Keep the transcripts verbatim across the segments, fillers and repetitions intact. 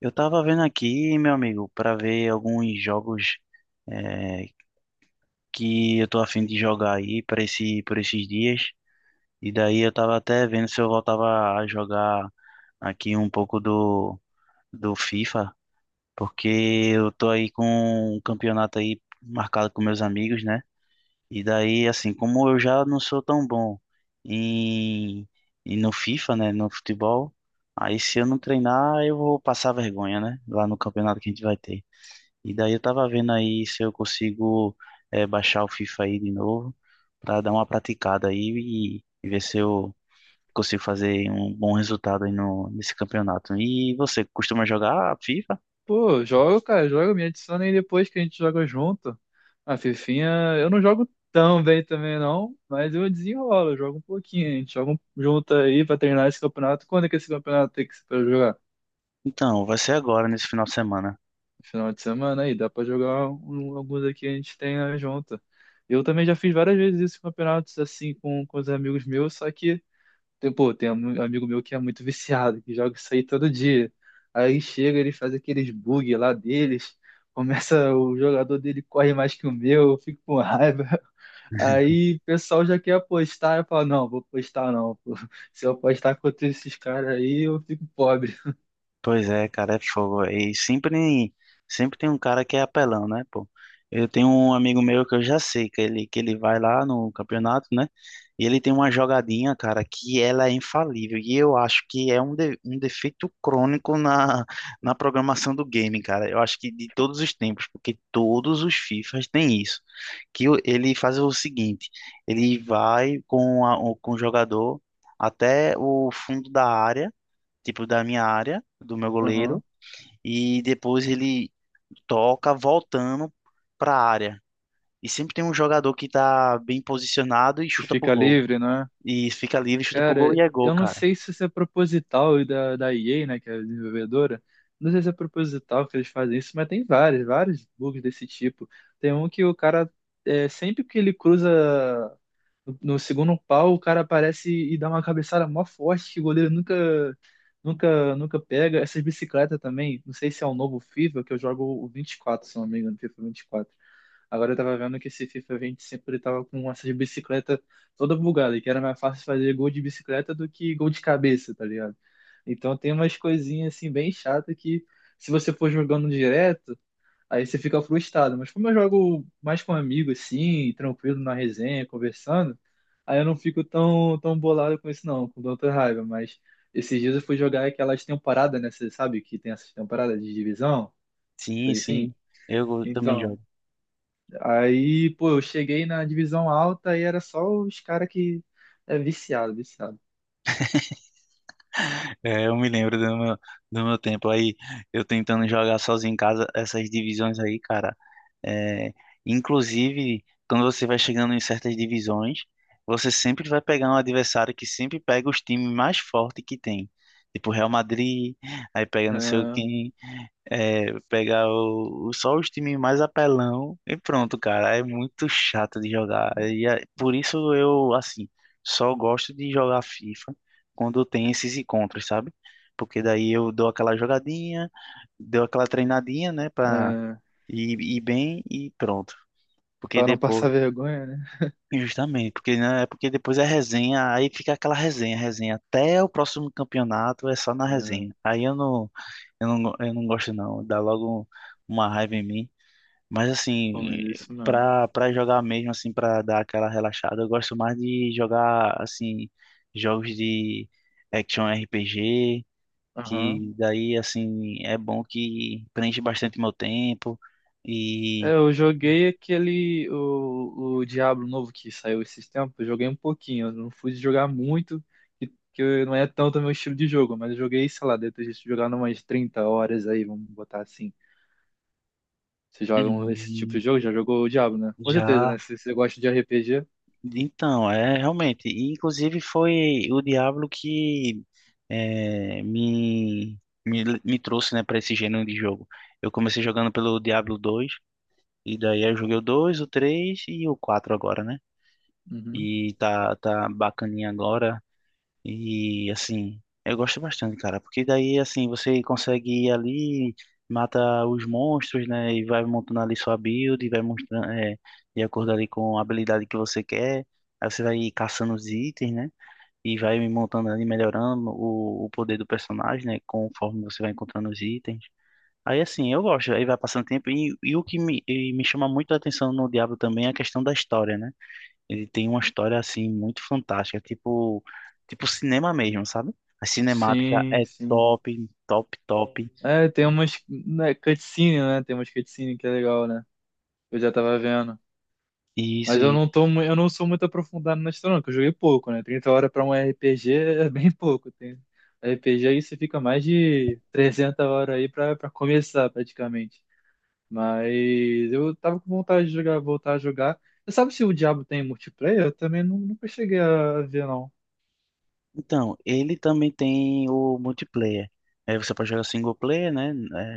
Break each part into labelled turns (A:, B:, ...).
A: Eu tava vendo aqui, meu amigo, para ver alguns jogos, eh, que eu tô afim de jogar aí para esse, por esses dias. E daí eu tava até vendo se eu voltava a jogar aqui um pouco do, do FIFA, porque eu tô aí com um campeonato aí marcado com meus amigos, né? E daí, assim, como eu já não sou tão bom em, em no FIFA, né, no futebol, aí se eu não treinar, eu vou passar vergonha, né, lá no campeonato que a gente vai ter. E daí eu tava vendo aí se eu consigo eh, baixar o FIFA aí de novo para dar uma praticada aí e, e ver se eu consigo fazer um bom resultado aí no, nesse campeonato. E você costuma jogar FIFA?
B: Pô, jogo, cara, joga, me adiciona aí depois que a gente joga junto. A Fifinha, eu não jogo tão bem também não, mas eu desenrolo, eu jogo um pouquinho. A gente joga um- junto aí pra treinar esse campeonato. Quando é que esse campeonato tem que ser pra jogar?
A: Então, vai ser agora, nesse final de semana.
B: Final de semana aí, dá pra jogar um- alguns aqui, a gente treina junto. Eu também já fiz várias vezes isso, campeonatos assim com, com os amigos meus, só que tem, pô, tem um amigo meu que é muito viciado, que joga isso aí todo dia. Aí chega, ele faz aqueles bug lá deles, começa, o jogador dele corre mais que o meu, eu fico com raiva. Aí o pessoal já quer apostar, eu falo, não, vou apostar não, pô. Se eu apostar contra esses caras aí, eu fico pobre.
A: Pois é, cara, é fogo. E sempre, sempre tem um cara que é apelão, né, pô? Eu tenho um amigo meu que eu já sei que ele, que ele vai lá no campeonato, né? E ele tem uma jogadinha, cara, que ela é infalível. E eu acho que é um, de, um defeito crônico na, na programação do game, cara. Eu acho que de todos os tempos, porque todos os FIFAs têm isso. Que o- ele faz o seguinte, ele vai com, a, o- com o jogador até o fundo da área, tipo, da minha área, do meu goleiro,
B: Uhum.
A: e depois ele toca voltando para a área. E sempre tem um jogador que tá bem posicionado e
B: Que
A: chuta pro
B: fica
A: gol.
B: livre, né?
A: E fica livre, chuta pro gol
B: Cara,
A: e é gol,
B: eu não
A: cara.
B: sei se isso é proposital da, da E A, né, que é a desenvolvedora. Não sei se é proposital que eles fazem isso, mas tem vários, vários bugs desse tipo. Tem um que o cara, é, sempre que ele cruza no, no segundo pau, o cara aparece e dá uma cabeçada mó forte que o goleiro nunca, nunca, nunca pega. Essas bicicletas também, não sei se é o novo FIFA, que eu jogo o vinte e quatro, se não me engano, FIFA vinte e quatro. Agora eu tava vendo que esse FIFA vinte e cinco ele tava com essas bicicletas toda bugada, que era mais fácil fazer gol de bicicleta do que gol de cabeça, tá ligado? Então tem umas coisinhas assim bem chata que se você for jogando direto, aí você fica frustrado. Mas como eu jogo mais com amigo assim, tranquilo na resenha, conversando, aí eu não fico tão tão bolado com isso não, com tanta raiva, mas esses dias eu fui jogar aquelas temporadas, né, você sabe que tem essas temporadas de divisão,
A: Sim,
B: coisa assim.
A: sim. Eu também
B: Então,
A: jogo.
B: aí, pô, eu cheguei na divisão alta e era só os caras que é viciado, viciado.
A: É, eu me lembro do meu, do meu tempo aí, eu tentando jogar sozinho em casa essas divisões aí, cara. É, inclusive, quando você vai chegando em certas divisões, você sempre vai pegar um adversário que sempre pega os times mais fortes que tem. Tipo Real Madrid, aí pega não sei
B: Ah,
A: quem, é, pega o, o- só os times mais apelão e pronto, cara. É muito chato de jogar. E é, por isso eu, assim, só gosto de jogar FIFA quando tem esses encontros, sabe? Porque daí eu dou aquela jogadinha, dou aquela treinadinha, né, pra
B: ah,
A: ir, ir bem e pronto. Porque
B: pra não
A: depois,
B: passar vergonha, né?
A: justamente, porque né, é porque depois é resenha, aí fica aquela resenha, resenha até o próximo campeonato é só na
B: Ah,
A: resenha. Aí eu não, eu não, eu não gosto não, dá logo uma raiva em mim. Mas
B: pô,
A: assim,
B: mas é isso mesmo.
A: pra, pra jogar mesmo, assim, pra dar aquela relaxada, eu gosto mais de jogar, assim, jogos de action R P G,
B: Aham.
A: que daí assim é bom que preenche bastante meu tempo
B: É,
A: e
B: eu joguei aquele, o, o Diablo novo que saiu esses tempos, eu joguei um pouquinho, eu não fui jogar muito, que, que eu- não é tanto meu estilo de jogo, mas eu joguei, sei lá, depois de jogar umas trinta horas aí, vamos botar assim. Você joga um- esse tipo
A: hum,
B: de jogo? Já jogou o Diablo, né? Com certeza,
A: já
B: né? Se você gosta de R P G.
A: então é realmente e, inclusive foi o Diablo que é, me, me me trouxe, né, para esse gênero de jogo. Eu comecei jogando pelo Diablo dois, e daí eu joguei o dois, o três e o quatro agora, né. E tá tá bacaninha agora. E assim, eu gosto bastante, cara, porque daí assim você consegue ir ali, mata os monstros, né? E vai montando ali sua build, e vai mostrando, é, de acordo ali com a habilidade que você quer. Aí você vai caçando os itens, né? E vai montando ali, melhorando o, o poder do personagem, né? Conforme você vai encontrando os itens. Aí assim, eu gosto, aí vai passando tempo. E, e o que me, e me chama muito a atenção no Diablo também é a questão da história, né? Ele tem uma história assim muito fantástica, tipo, tipo cinema mesmo, sabe? A cinemática
B: Sim,
A: é
B: sim.
A: top, top, top.
B: É, tem umas, né, cutscene, né? Tem umas cutscene que é legal, né? Eu já tava vendo.
A: E isso,
B: Mas eu não tô, mu- eu não sou muito aprofundado na história, não, que eu joguei pouco, né? Trinta horas pra um R P G é bem pouco. Tem R P G aí você fica mais de trezentas horas aí pra, pra começar, praticamente. Mas eu tava com vontade de jogar, voltar a jogar. Você sabe se o Diablo tem multiplayer? Eu também nu- nunca cheguei a ver,
A: então, ele também tem o multiplayer. É, você pode jogar single player, né?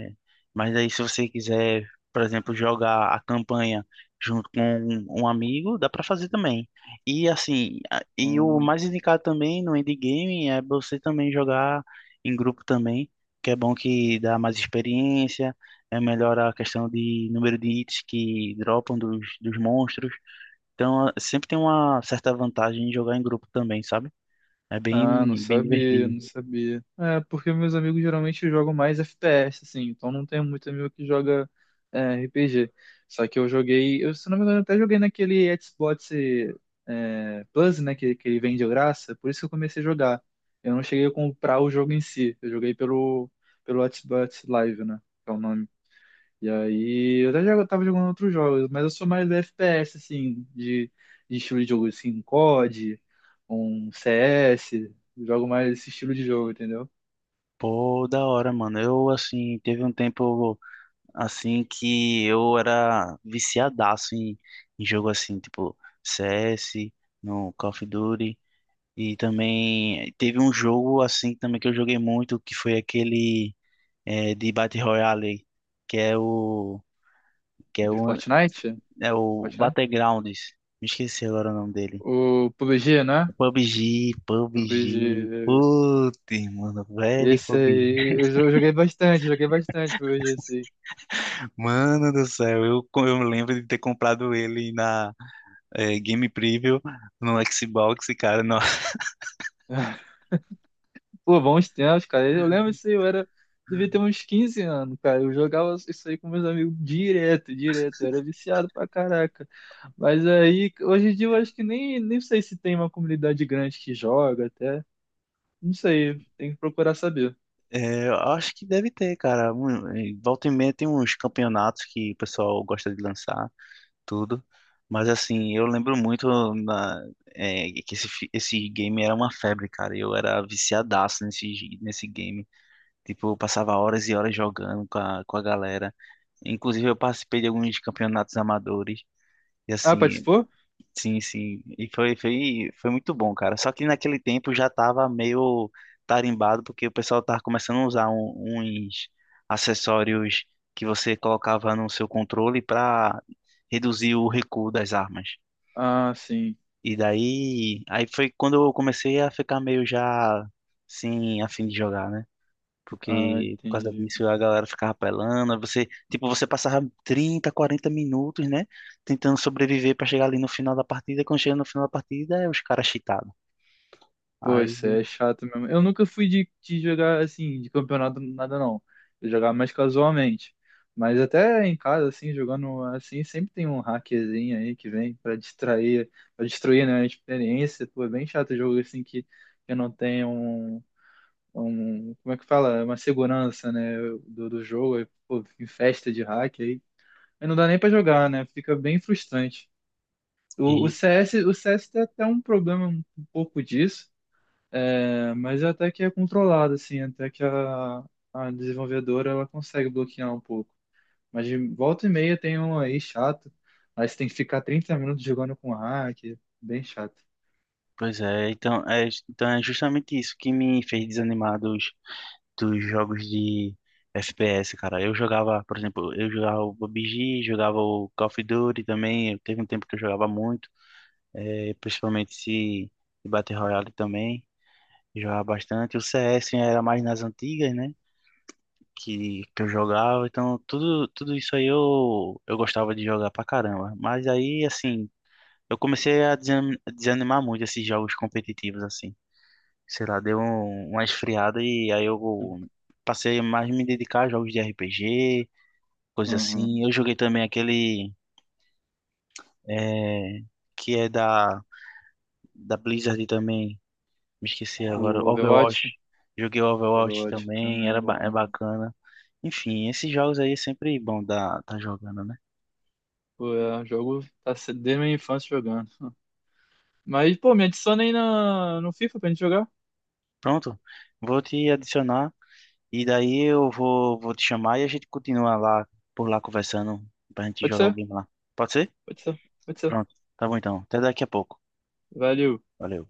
A: É, mas aí se você quiser, por exemplo, jogar a campanha junto com um um amigo, dá para fazer também. E assim, a- e o
B: não.
A: mais indicado também no endgame é você também jogar em grupo também, que é bom que dá mais experiência, é melhor a questão de número de hits que dropam dos, dos monstros. Então, é, sempre tem uma certa vantagem em jogar em grupo também, sabe? É
B: Ah, não
A: bem, bem
B: sabia,
A: divertido.
B: não sabia. É, porque meus amigos geralmente jogam mais F P S, assim, então não tenho muito amigo que joga é, R P G. Só que eu joguei, eu, se não me engano, até joguei naquele Xbox é, Plus, né, que, que ele vem de graça, por isso que eu comecei a jogar. Eu não cheguei a comprar o jogo em si, eu joguei pelo, pelo Xbox Live, né, que é o nome. E aí, eu até já tava jogando outros jogos, mas eu sou mais do F P S, assim, de, de, estilo de jogo, assim, um C O D, um C S, jogo mais esse estilo de jogo, entendeu?
A: Pô, da hora, mano. Eu, assim, teve um tempo, assim, que eu era viciadaço em, em jogo, assim, tipo C S, no Call of Duty. E também teve um jogo, assim, também que eu joguei muito, que foi aquele eh, de Battle Royale, que é o, que é
B: De
A: o,
B: Fortnite?
A: é o
B: Fortnite?
A: Battlegrounds. Me esqueci agora o nome dele.
B: O P U B G, né?
A: P U B G, P U B G.
B: P U B G.
A: Putz, mano, velho,
B: Esse
A: P U B G.
B: aí, eu jo- joguei bastante, joguei bastante pabéji, assim.
A: Mano do céu, eu, co- eu lembro de ter comprado ele na eh, Game Preview no Xbox, cara. No,
B: Pô, bons tempos, cara. Eu lembro isso aí, eu era. Devia ter uns quinze anos, cara. Eu jogava isso aí com meus amigos direto, direto. Eu era viciado pra caraca. Mas aí, hoje em dia, eu acho que nem, nem sei se tem uma comunidade grande que joga até. Não sei, tem que procurar saber.
A: eh, eu acho que deve ter, cara. Um, eh, volta e meia tem uns campeonatos que o pessoal gosta de lançar, tudo. Mas assim, eu lembro muito na, eh, que esse, fi- esse game era uma febre, cara. Eu era viciadaço nesse, gi- nesse game. Tipo, eu passava horas e horas jogando com a, com a galera. Inclusive, eu participei de alguns campeonatos amadores. E
B: Ah,
A: assim,
B: participou?
A: sim, sim. E foi, foi, foi muito bom, cara. Só que naquele tempo já tava meio tarimbado, porque o pessoal tava começando a usar um- uns acessórios que você colocava no seu controle para reduzir o recuo das armas.
B: Ah, sim.
A: E daí, aí foi quando eu comecei a ficar meio já sem a fim de jogar, né?
B: Ah,
A: Porque por causa
B: entendi.
A: disso a galera ficava apelando, aí você, tipo, você passava trinta quarenta minutos, né, tentando sobreviver pra chegar ali no final da partida, e quando chega no final da partida, é os caras cheatados.
B: Pô,
A: Aí,
B: isso é chato mesmo. Eu nunca fui de, de jogar assim, de campeonato, nada não. Eu jogava mais casualmente. Mas até em casa, assim, jogando assim, sempre tem um hackerzinho aí que vem pra distrair, pra destruir, né, a experiência. Pô, é bem chato jogo assim que, que não tem um, um, como é que fala? Uma segurança, né, do, do jogo. Aí, pô, em festa de hack aí. Aí não dá nem pra jogar, né? Fica bem frustrante. O, o
A: isso,
B: C S, o C S tem até um problema um pouco disso, é, mas é até que é controlado, assim, até que a, a desenvolvedora ela consegue bloquear um pouco. Mas de volta e meia tem um aí chato, aí você tem que ficar trinta minutos jogando com hack, bem chato.
A: pois é, então é, então é justamente isso que me fez desanimar dos, dos jogos de F P S, cara. Eu jogava, por exemplo, eu jogava o P U B G, jogava o Call of Duty também, teve um tempo que eu jogava muito, é, principalmente se de Battle Royale também. Jogava bastante. O C S era mais nas antigas, né? Que, que eu jogava. Então, tudo, tudo isso aí eu, eu gostava de jogar pra caramba. Mas aí, assim, eu comecei a desani- desanimar muito esses jogos competitivos, assim. Sei lá, deu um- uma esfriada e aí eu passei mais a me dedicar a jogos de R P G, coisa
B: Uhum.
A: assim. Eu joguei também aquele eh, que é da, da Blizzard também. Me esqueci agora.
B: O Overwatch?
A: Overwatch. Joguei Overwatch
B: Overwatch
A: também,
B: também é
A: era ba- é
B: bom.
A: bacana. Enfim, esses jogos aí é sempre bom dar tá jogando, né?
B: Pô, é, o jogo tá se- desde minha infância jogando. Mas, pô, me adiciona aí na, no FIFA pra gente jogar.
A: Pronto, vou te adicionar e daí eu vou, vou te chamar e a gente continua lá por lá conversando pra gente
B: Pode
A: jogar o
B: ser,
A: game lá. Pode ser?
B: pode ser, pode ser.
A: Pronto, tá bom então. Até daqui a pouco.
B: Valeu.
A: Valeu.